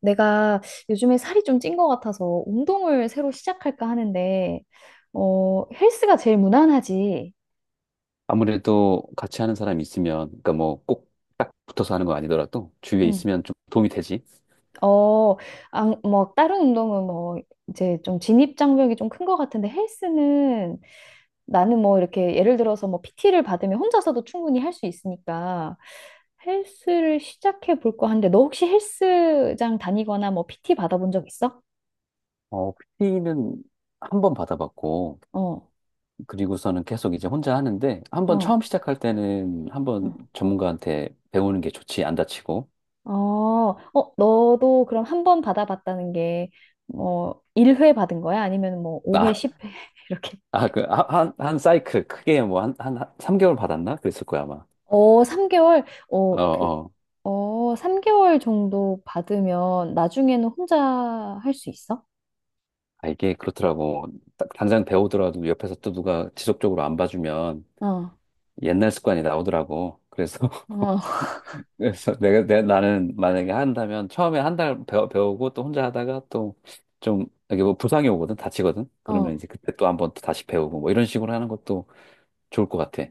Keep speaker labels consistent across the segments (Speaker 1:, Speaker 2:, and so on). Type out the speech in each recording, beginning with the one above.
Speaker 1: 내가 요즘에 살이 좀 찐 것 같아서 운동을 새로 시작할까 하는데, 헬스가 제일 무난하지.
Speaker 2: 아무래도 같이 하는 사람이 있으면, 그러니까 뭐 꼭 딱 붙어서 하는 거 아니더라도 주위에
Speaker 1: 응.
Speaker 2: 있으면 좀 도움이 되지.
Speaker 1: 어, 안, 뭐, 다른 운동은 뭐, 이제 좀 진입장벽이 좀 큰 것 같은데 헬스는 나는 뭐 이렇게 예를 들어서 뭐 PT를 받으면 혼자서도 충분히 할 수 있으니까 헬스를 시작해 볼까 하는데 너 혹시 헬스장 다니거나 뭐 PT 받아본 적 있어?
Speaker 2: PT 는 한 번 받아봤고,
Speaker 1: 어,
Speaker 2: 그리고서는 계속 이제 혼자 하는데, 한 번 처음
Speaker 1: 어.
Speaker 2: 시작할 때는 한 번
Speaker 1: 어.
Speaker 2: 전문가한테 배우는 게 좋지, 안 다치고.
Speaker 1: 어, 어, 너도 그럼 한 번 받아봤다는 게, 뭐, 1회 받은 거야? 아니면 뭐, 5회,
Speaker 2: 나,
Speaker 1: 10회? 이렇게.
Speaker 2: 아, 그, 한, 한, 한 사이클 크게 뭐 삼 3개월 받았나? 그랬을 거야, 아마.
Speaker 1: 어, 3개월?
Speaker 2: 어,
Speaker 1: 어, 그,
Speaker 2: 어.
Speaker 1: 어, 3개월 정도 받으면 나중에는 혼자 할 수 있어?
Speaker 2: 아, 이게 그렇더라고. 딱 당장 배우더라도 옆에서 또 누가 지속적으로 안 봐주면
Speaker 1: 어,
Speaker 2: 옛날 습관이 나오더라고. 그래서
Speaker 1: 어,
Speaker 2: 그래서 나는 만약에 한다면 처음에 한 달 배우고 또 혼자 하다가 또 좀 이게 뭐 부상이 오거든 다치거든 그러면
Speaker 1: 어.
Speaker 2: 이제 그때 또 한번 또 다시 배우고 뭐 이런 식으로 하는 것도 좋을 것 같아.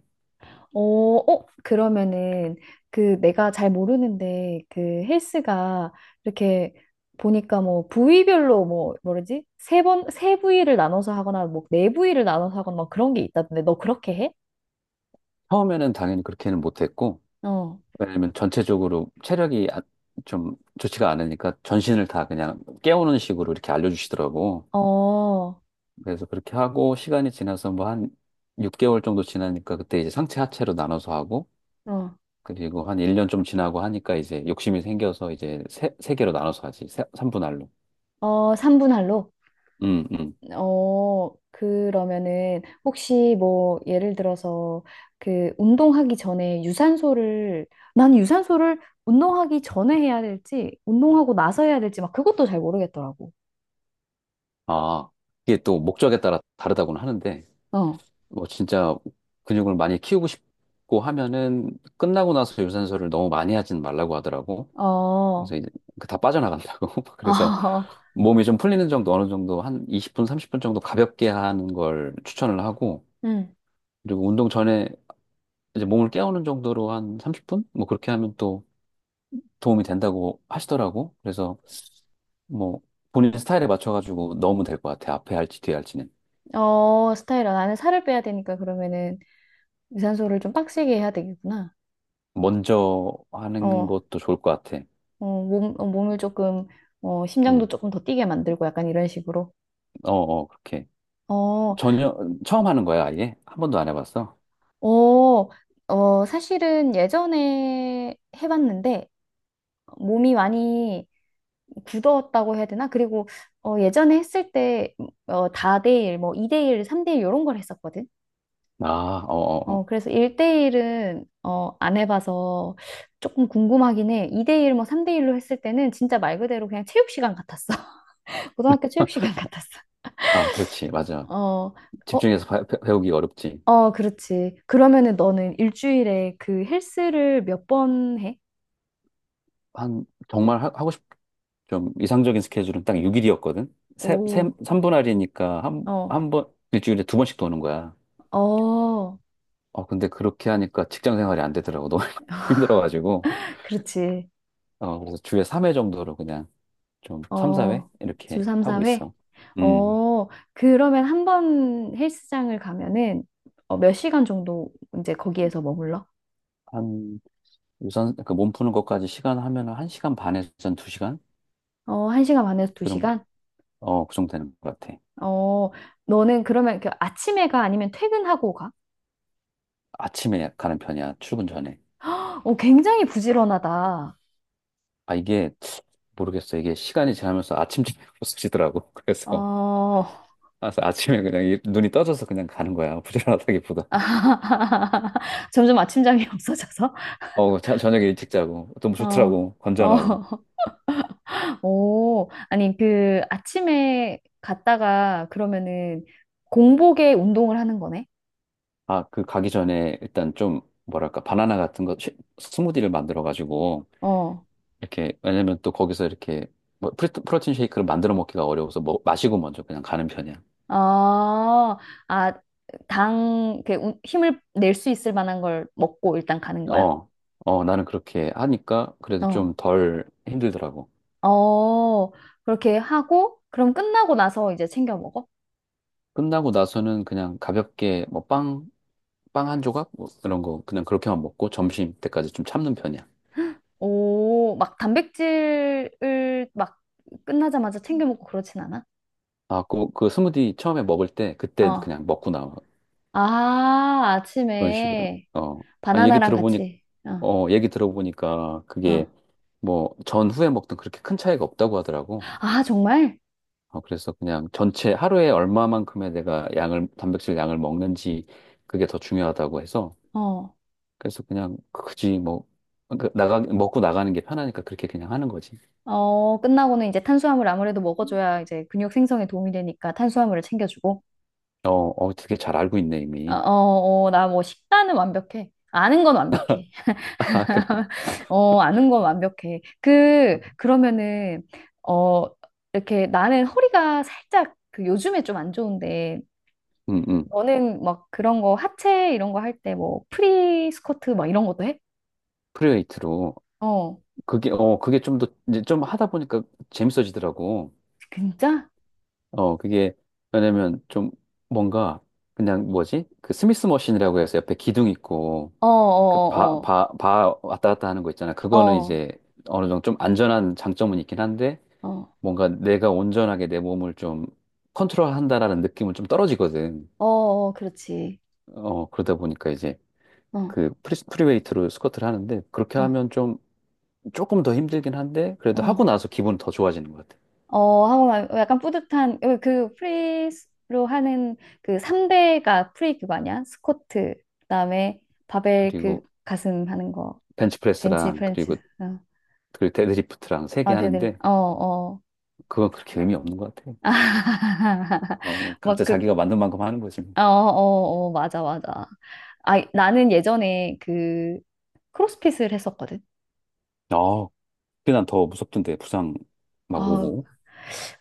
Speaker 1: 어, 어, 그러면은 그 내가 잘 모르는데 그 헬스가 이렇게 보니까 뭐 부위별로 뭐 뭐라지? 세 번, 세 부위를 나눠서 하거나 뭐 네 부위를 나눠서 하거나 막 그런 게 있다던데 너 그렇게 해?
Speaker 2: 처음에는 당연히 그렇게는 못했고
Speaker 1: 어,
Speaker 2: 왜냐면 전체적으로 체력이 좀 좋지가 않으니까 전신을 다 그냥 깨우는 식으로 이렇게 알려주시더라고.
Speaker 1: 어, 어,
Speaker 2: 그래서 그렇게 하고 시간이 지나서 뭐 한 6개월 정도 지나니까 그때 이제 상체 하체로 나눠서 하고 그리고 한 1년 좀 지나고 하니까 이제 욕심이 생겨서 이제 세 개로 나눠서 하지. 3분할로.
Speaker 1: 어, 3분 할로?
Speaker 2: 음, 음.
Speaker 1: 어, 그러면은 혹시 뭐 예를 들어서 그 운동하기 전에 유산소를 난 유산소를 운동하기 전에 해야 될지 운동하고 나서 해야 될지 막 그것도 잘 모르겠더라고.
Speaker 2: 아, 이게 또 목적에 따라 다르다고는 하는데,
Speaker 1: 어.
Speaker 2: 뭐 진짜 근육을 많이 키우고 싶고 하면은 끝나고 나서 유산소를 너무 많이 하진 말라고 하더라고.
Speaker 1: 어.
Speaker 2: 그래서 이제 그다 빠져나간다고. 그래서
Speaker 1: 어.
Speaker 2: 몸이 좀 풀리는 정도 어느 정도 한 20분, 30분 정도 가볍게 하는 걸 추천을 하고,
Speaker 1: 음.
Speaker 2: 그리고 운동 전에 이제 몸을 깨우는 정도로 한 30분? 뭐 그렇게 하면 또 도움이 된다고 하시더라고. 그래서 뭐 본인 스타일에 맞춰가지고 넣으면 될 것 같아. 앞에 할지 뒤에 할지는.
Speaker 1: 어, 스타일러 나는 살을 빼야 되니까 그러면은 유산소를 좀 빡세게 해야 되겠구나.
Speaker 2: 먼저 하는
Speaker 1: 어.
Speaker 2: 것도 좋을 것 같아.
Speaker 1: 어, 몸, 어, 몸을 조금 어, 심장도
Speaker 2: 응.
Speaker 1: 조금 더 뛰게 만들고 약간 이런 식으로.
Speaker 2: 어, 어, 그렇게.
Speaker 1: 어,
Speaker 2: 전혀 처음 하는 거야, 아예? 한 번도 안 해봤어?
Speaker 1: 어, 어, 사실은 예전에 해봤는데 몸이 많이 굳었다고 해야 되나? 그리고 어, 예전에 했을 때 뭐, 어, 다대일, 뭐 2대1, 3대1 이런 걸 했었거든.
Speaker 2: 아, 어, 어,
Speaker 1: 어,
Speaker 2: 어.
Speaker 1: 그래서 1대1은 어, 안 해봐서 조금 궁금하긴 해. 2대1, 뭐 3대1로 했을 때는 진짜 말 그대로 그냥 체육 시간 같았어. 고등학교 체육 시간 같았어.
Speaker 2: 아, 그렇지. 맞아.
Speaker 1: 어, 어,
Speaker 2: 집중해서 배, 우기 어렵지.
Speaker 1: 어, 그렇지. 그러면은 너는 일주일에 그 헬스를 몇 번 해?
Speaker 2: 한 정말 하, 고 싶, 좀 이상적인 스케줄은 딱 6일이었거든.
Speaker 1: 오.
Speaker 2: 3분 할이니까
Speaker 1: 어.
Speaker 2: 한 번, 일주일에 두 번씩 도는 거야.
Speaker 1: 어,
Speaker 2: 근데 그렇게 하니까 직장 생활이 안 되더라고. 너무 힘들어가지고.
Speaker 1: 그렇지.
Speaker 2: 그래서 주에 3회 정도로 그냥 좀 3, 4회
Speaker 1: 어,
Speaker 2: 이렇게
Speaker 1: 주 3,
Speaker 2: 하고
Speaker 1: 4회?
Speaker 2: 있어. 음.
Speaker 1: 어, 그러면 한번 헬스장을 가면은 어, 몇 시간 정도 이제 거기에서 머물러?
Speaker 2: 한 유산 그 몸 푸는 것까지 시간 하면 한 1시간 반에서 한 2시간
Speaker 1: 어, 1시간 반에서
Speaker 2: 그 정도
Speaker 1: 2시간?
Speaker 2: 그 정도 되는 것 같아.
Speaker 1: 어, 너는 그러면 그 아침에 가 아니면 퇴근하고 가?
Speaker 2: 아침에 가는 편이야. 출근 전에.
Speaker 1: 어, 굉장히 부지런하다.
Speaker 2: 아 이게 모르겠어. 이게 시간이 지나면서 아침잠이 없어지더라고.
Speaker 1: 어,
Speaker 2: 그래서 아침에 그냥 눈이 떠져서 그냥 가는 거야. 부지런하다기보다.
Speaker 1: 점점 아침잠이 없어져서?
Speaker 2: 저녁에 일찍 자고 너무
Speaker 1: 어,
Speaker 2: 좋더라고.
Speaker 1: 어,
Speaker 2: 건전하고.
Speaker 1: 오, 아니, 그, 아침에 갔다가 그러면은 공복에 운동을 하는 거네?
Speaker 2: 아, 그 가기 전에 일단 좀 뭐랄까 바나나 같은 거 스무디를 만들어 가지고
Speaker 1: 어.
Speaker 2: 이렇게, 왜냐면 또 거기서 이렇게, 뭐, 프로틴 쉐이크를 만들어 먹기가 어려워서 뭐, 마시고 먼저 그냥 가는 편이야.
Speaker 1: 아, 아, 당, 그, 운- 힘을 낼 수 있을 만한 걸 먹고 일단 가는 거야?
Speaker 2: 어, 어, 나는 그렇게 하니까 그래도 좀
Speaker 1: 어.
Speaker 2: 덜 힘들더라고.
Speaker 1: 어, 그렇게 하고, 그럼 끝나고 나서 이제 챙겨 먹어?
Speaker 2: 끝나고 나서는 그냥 가볍게 뭐, 빵 한 조각? 뭐, 이런 거 그냥 그렇게만 먹고 점심 때까지 좀 참는 편이야.
Speaker 1: 오, 막 단백질을 막 끝나자마자 챙겨 먹고 그렇진 않아?
Speaker 2: 아, 그 스무디 처음에 먹을 때 그때
Speaker 1: 어.
Speaker 2: 그냥 먹고 나와.
Speaker 1: 아,
Speaker 2: 그런 식으로.
Speaker 1: 아침에
Speaker 2: 어, 아, 얘기
Speaker 1: 바나나랑
Speaker 2: 들어보니,
Speaker 1: 같이. 어.
Speaker 2: 얘기 들어보니까
Speaker 1: 어.
Speaker 2: 그게 뭐, 전후에 먹던 그렇게 큰 차이가 없다고 하더라고.
Speaker 1: 아, 정말?
Speaker 2: 그래서 그냥 전체 하루에 얼마만큼의 내가 단백질 양을 먹는지 그게 더 중요하다고 해서
Speaker 1: 어.
Speaker 2: 그래서 그냥 굳이 뭐, 먹고 나가는 게 편하니까 그렇게 그냥 하는 거지.
Speaker 1: 어, 끝나고는 이제 탄수화물 아무래도 먹어줘야 이제 근육 생성에 도움이 되니까 탄수화물을 챙겨주고.
Speaker 2: 어, 어, 되게 잘 알고 있네,
Speaker 1: 어,
Speaker 2: 이미.
Speaker 1: 어, 어, 나 뭐 식단은 완벽해. 아는 건 완벽해.
Speaker 2: 아, 그래.
Speaker 1: 어, 아는 건 완벽해. 그, 그러면은, 어, 이렇게 나는 허리가 살짝 그 요즘에 좀 안 좋은데,
Speaker 2: 응, 응.
Speaker 1: 너는 막 그런 거 하체 이런 거 할 때 뭐 프리 스쿼트 막 이런 것도 해?
Speaker 2: 프리웨이트로.
Speaker 1: 어,
Speaker 2: 그게 좀 더, 이제 좀 하다 보니까 재밌어지더라고.
Speaker 1: 진짜?
Speaker 2: 그게, 왜냐면 좀 뭔가 그냥 뭐지? 그 스미스 머신이라고 해서 옆에 기둥 있고
Speaker 1: 어,
Speaker 2: 그
Speaker 1: 어,
Speaker 2: 바 왔다 갔다 하는 거 있잖아.
Speaker 1: 어, 어,
Speaker 2: 그거는
Speaker 1: 어,
Speaker 2: 이제 어느 정도 좀 안전한 장점은 있긴 한데
Speaker 1: 어,
Speaker 2: 뭔가 내가 온전하게 내 몸을 좀 컨트롤한다라는 느낌은 좀 떨어지거든.
Speaker 1: 어, 어, 그렇지.
Speaker 2: 그러다 보니까 이제
Speaker 1: 어.
Speaker 2: 그 프리웨이트로 스쿼트를 하는데 그렇게
Speaker 1: 어,
Speaker 2: 하면 좀 조금 더 힘들긴 한데 그래도 하고
Speaker 1: 어,
Speaker 2: 나서 기분은 더 좋아지는 것 같아.
Speaker 1: 어, 하고 약간 뿌듯한, 그, 그 프리로 하는 그 3대가 프리 그거 아니야? 스쿼트, 그다음에 바벨 그
Speaker 2: 그리고
Speaker 1: 가슴 하는 거, 벤치
Speaker 2: 벤치프레스랑
Speaker 1: 프렌치,
Speaker 2: 그리고
Speaker 1: 어,
Speaker 2: 그 데드리프트랑 세 개
Speaker 1: 아, 데드리프,
Speaker 2: 하는데
Speaker 1: 어, 어,
Speaker 2: 그건 그렇게 의미 없는 것 같아.
Speaker 1: 아, 막
Speaker 2: 각자
Speaker 1: 그,
Speaker 2: 자기가 만든 만큼 하는 거지.
Speaker 1: 어, 어, 어, 맞아, 맞아. 아, 나는 예전에 그 크로스핏을 했었거든.
Speaker 2: 어, 그게 난 더 무섭던데 부상 막
Speaker 1: 아,
Speaker 2: 오고.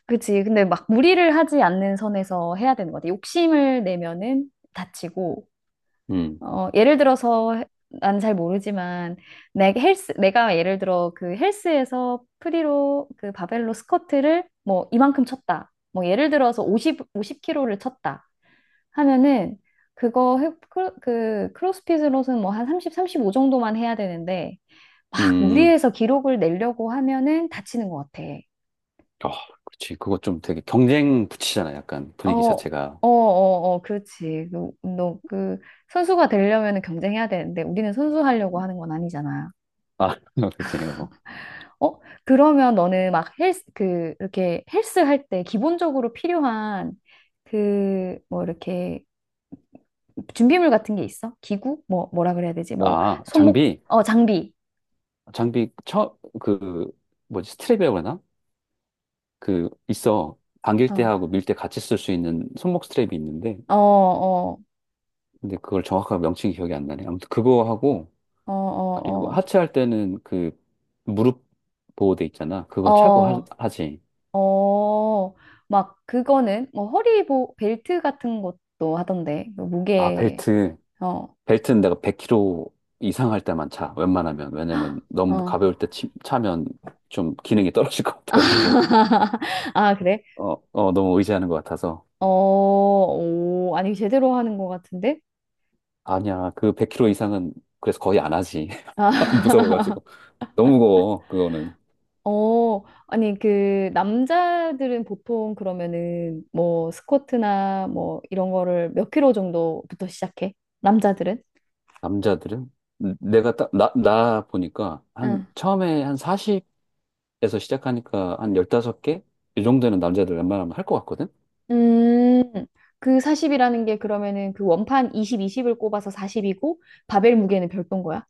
Speaker 1: 그치. 근데 막 무리를 하지 않는 선에서 해야 되는 것 같아. 욕심을 내면은 다치고,
Speaker 2: 음,
Speaker 1: 어, 예를 들어서 난 잘 모르지만 내 헬스 내가 예를 들어 그 헬스에서 프리로 그 바벨로 스쿼트를 뭐 이만큼 쳤다. 뭐 예를 들어서 50 50kg를 쳤다. 하면은 그거 해- 크로- 그 크로스핏으로는 뭐 한 30, 35 정도만 해야 되는데 막
Speaker 2: 음,
Speaker 1: 무리해서 기록을 내려고 하면은 다치는 것 같아.
Speaker 2: 아, 그렇지. 그거 좀 되게 경쟁 붙이잖아. 약간
Speaker 1: 어,
Speaker 2: 분위기
Speaker 1: 어,
Speaker 2: 자체가.
Speaker 1: 어, 어, 그렇지. 너, 그 운동, 그 선수가 되려면 은 경쟁해야 되는데 우리는 선수 하려고 하는 건 아니잖아.
Speaker 2: 아, 그렇지. 어.
Speaker 1: 어? 그러면 너는 막 헬스, 그, 이렇게 헬스 할 때 기본적으로 필요한 그, 뭐, 이렇게 준비물 같은 게 있어? 기구? 뭐, 뭐라 그래야 되지? 뭐,
Speaker 2: 아,
Speaker 1: 손목, 어, 장비.
Speaker 2: 장비, 그, 뭐지, 스트랩이라고 하나? 그, 있어. 당길 때
Speaker 1: 어,
Speaker 2: 하고 밀 때 같이 쓸 수 있는 손목 스트랩이 있는데,
Speaker 1: 어, 어,
Speaker 2: 근데 그걸 정확하게 명칭이 기억이 안 나네. 아무튼 그거 하고,
Speaker 1: 어,
Speaker 2: 그리고
Speaker 1: 어,
Speaker 2: 하체 할 때는 그, 무릎 보호대 있잖아.
Speaker 1: 어,
Speaker 2: 그거 차고
Speaker 1: 어,
Speaker 2: 하지.
Speaker 1: 어, 막, 그거는, 뭐, 허리 보, 벨트 같은 것도 하던데, 그
Speaker 2: 아,
Speaker 1: 무게,
Speaker 2: 벨트.
Speaker 1: 어,
Speaker 2: 벨트는 내가 100kg 이상 할 때만 차. 웬만하면. 왜냐면 너무
Speaker 1: 어.
Speaker 2: 가벼울 때 차면 좀 기능이 떨어질 것 같아가지고.
Speaker 1: 아, 그래?
Speaker 2: 어, 어, 너무 의지하는 것 같아서.
Speaker 1: 어, 오, 아니, 제대로 하는 것 같은데?
Speaker 2: 아니야. 그 100kg 이상은 그래서 거의 안 하지.
Speaker 1: 아,
Speaker 2: 무서워가지고. 너무 무거워. 그거는.
Speaker 1: 어, 아니, 그, 남자들은 보통 그러면은 뭐 스쿼트나 뭐 이런 거를 몇 킬로 정도부터 시작해? 남자들은?
Speaker 2: 남자들은? 내가 나 보니까 한
Speaker 1: 응.
Speaker 2: 처음에 한 40에서 시작하니까 한 15개? 이 정도는 남자들 웬만하면 할 것 같거든?
Speaker 1: 음, 그 40이라는 게 그러면은 그 원판 20, 20을 꼽아서 40이고 바벨 무게는 별도인 거야?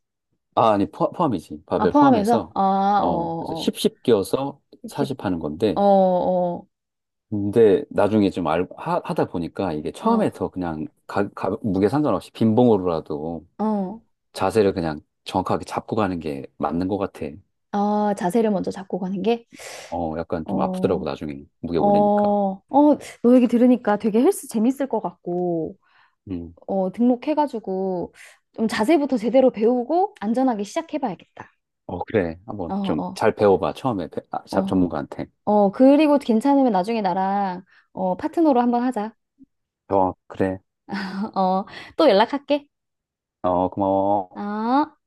Speaker 2: 아, 아니, 함이지
Speaker 1: 아,
Speaker 2: 바벨
Speaker 1: 포함해서?
Speaker 2: 포함해서.
Speaker 1: 아, 어,
Speaker 2: 그래서
Speaker 1: 어, 어.
Speaker 2: 10, 10 끼워서
Speaker 1: 60,
Speaker 2: 40 하는
Speaker 1: 어,
Speaker 2: 건데,
Speaker 1: 어,
Speaker 2: 근데 나중에 좀 하다 보니까 이게
Speaker 1: 어,
Speaker 2: 처음에 더 그냥 무게 상관없이 빈봉으로라도
Speaker 1: 어.
Speaker 2: 자세를 그냥 정확하게 잡고 가는 게 맞는 것 같아.
Speaker 1: 아, 자세를 먼저 잡고 가는 게?
Speaker 2: 약간 좀 아프더라고,
Speaker 1: 어,
Speaker 2: 나중에 무게
Speaker 1: 어,
Speaker 2: 올리니까.
Speaker 1: 어, 너 얘기 들으니까 되게 헬스 재밌을 것 같고.
Speaker 2: 음.
Speaker 1: 어, 등록해가지고 좀 자세부터 제대로 배우고 안전하게 시작해봐야겠다.
Speaker 2: 어, 그래. 한번
Speaker 1: 어,
Speaker 2: 좀
Speaker 1: 어,
Speaker 2: 잘 배워봐, 처음에.
Speaker 1: 어.
Speaker 2: 전문가한테.
Speaker 1: 어, 그리고 괜찮으면 나중에 나랑 어, 파트너로 한번 하자.
Speaker 2: 어, 그래.
Speaker 1: 어, 또 연락할게.
Speaker 2: 어, 고마워.
Speaker 1: 어.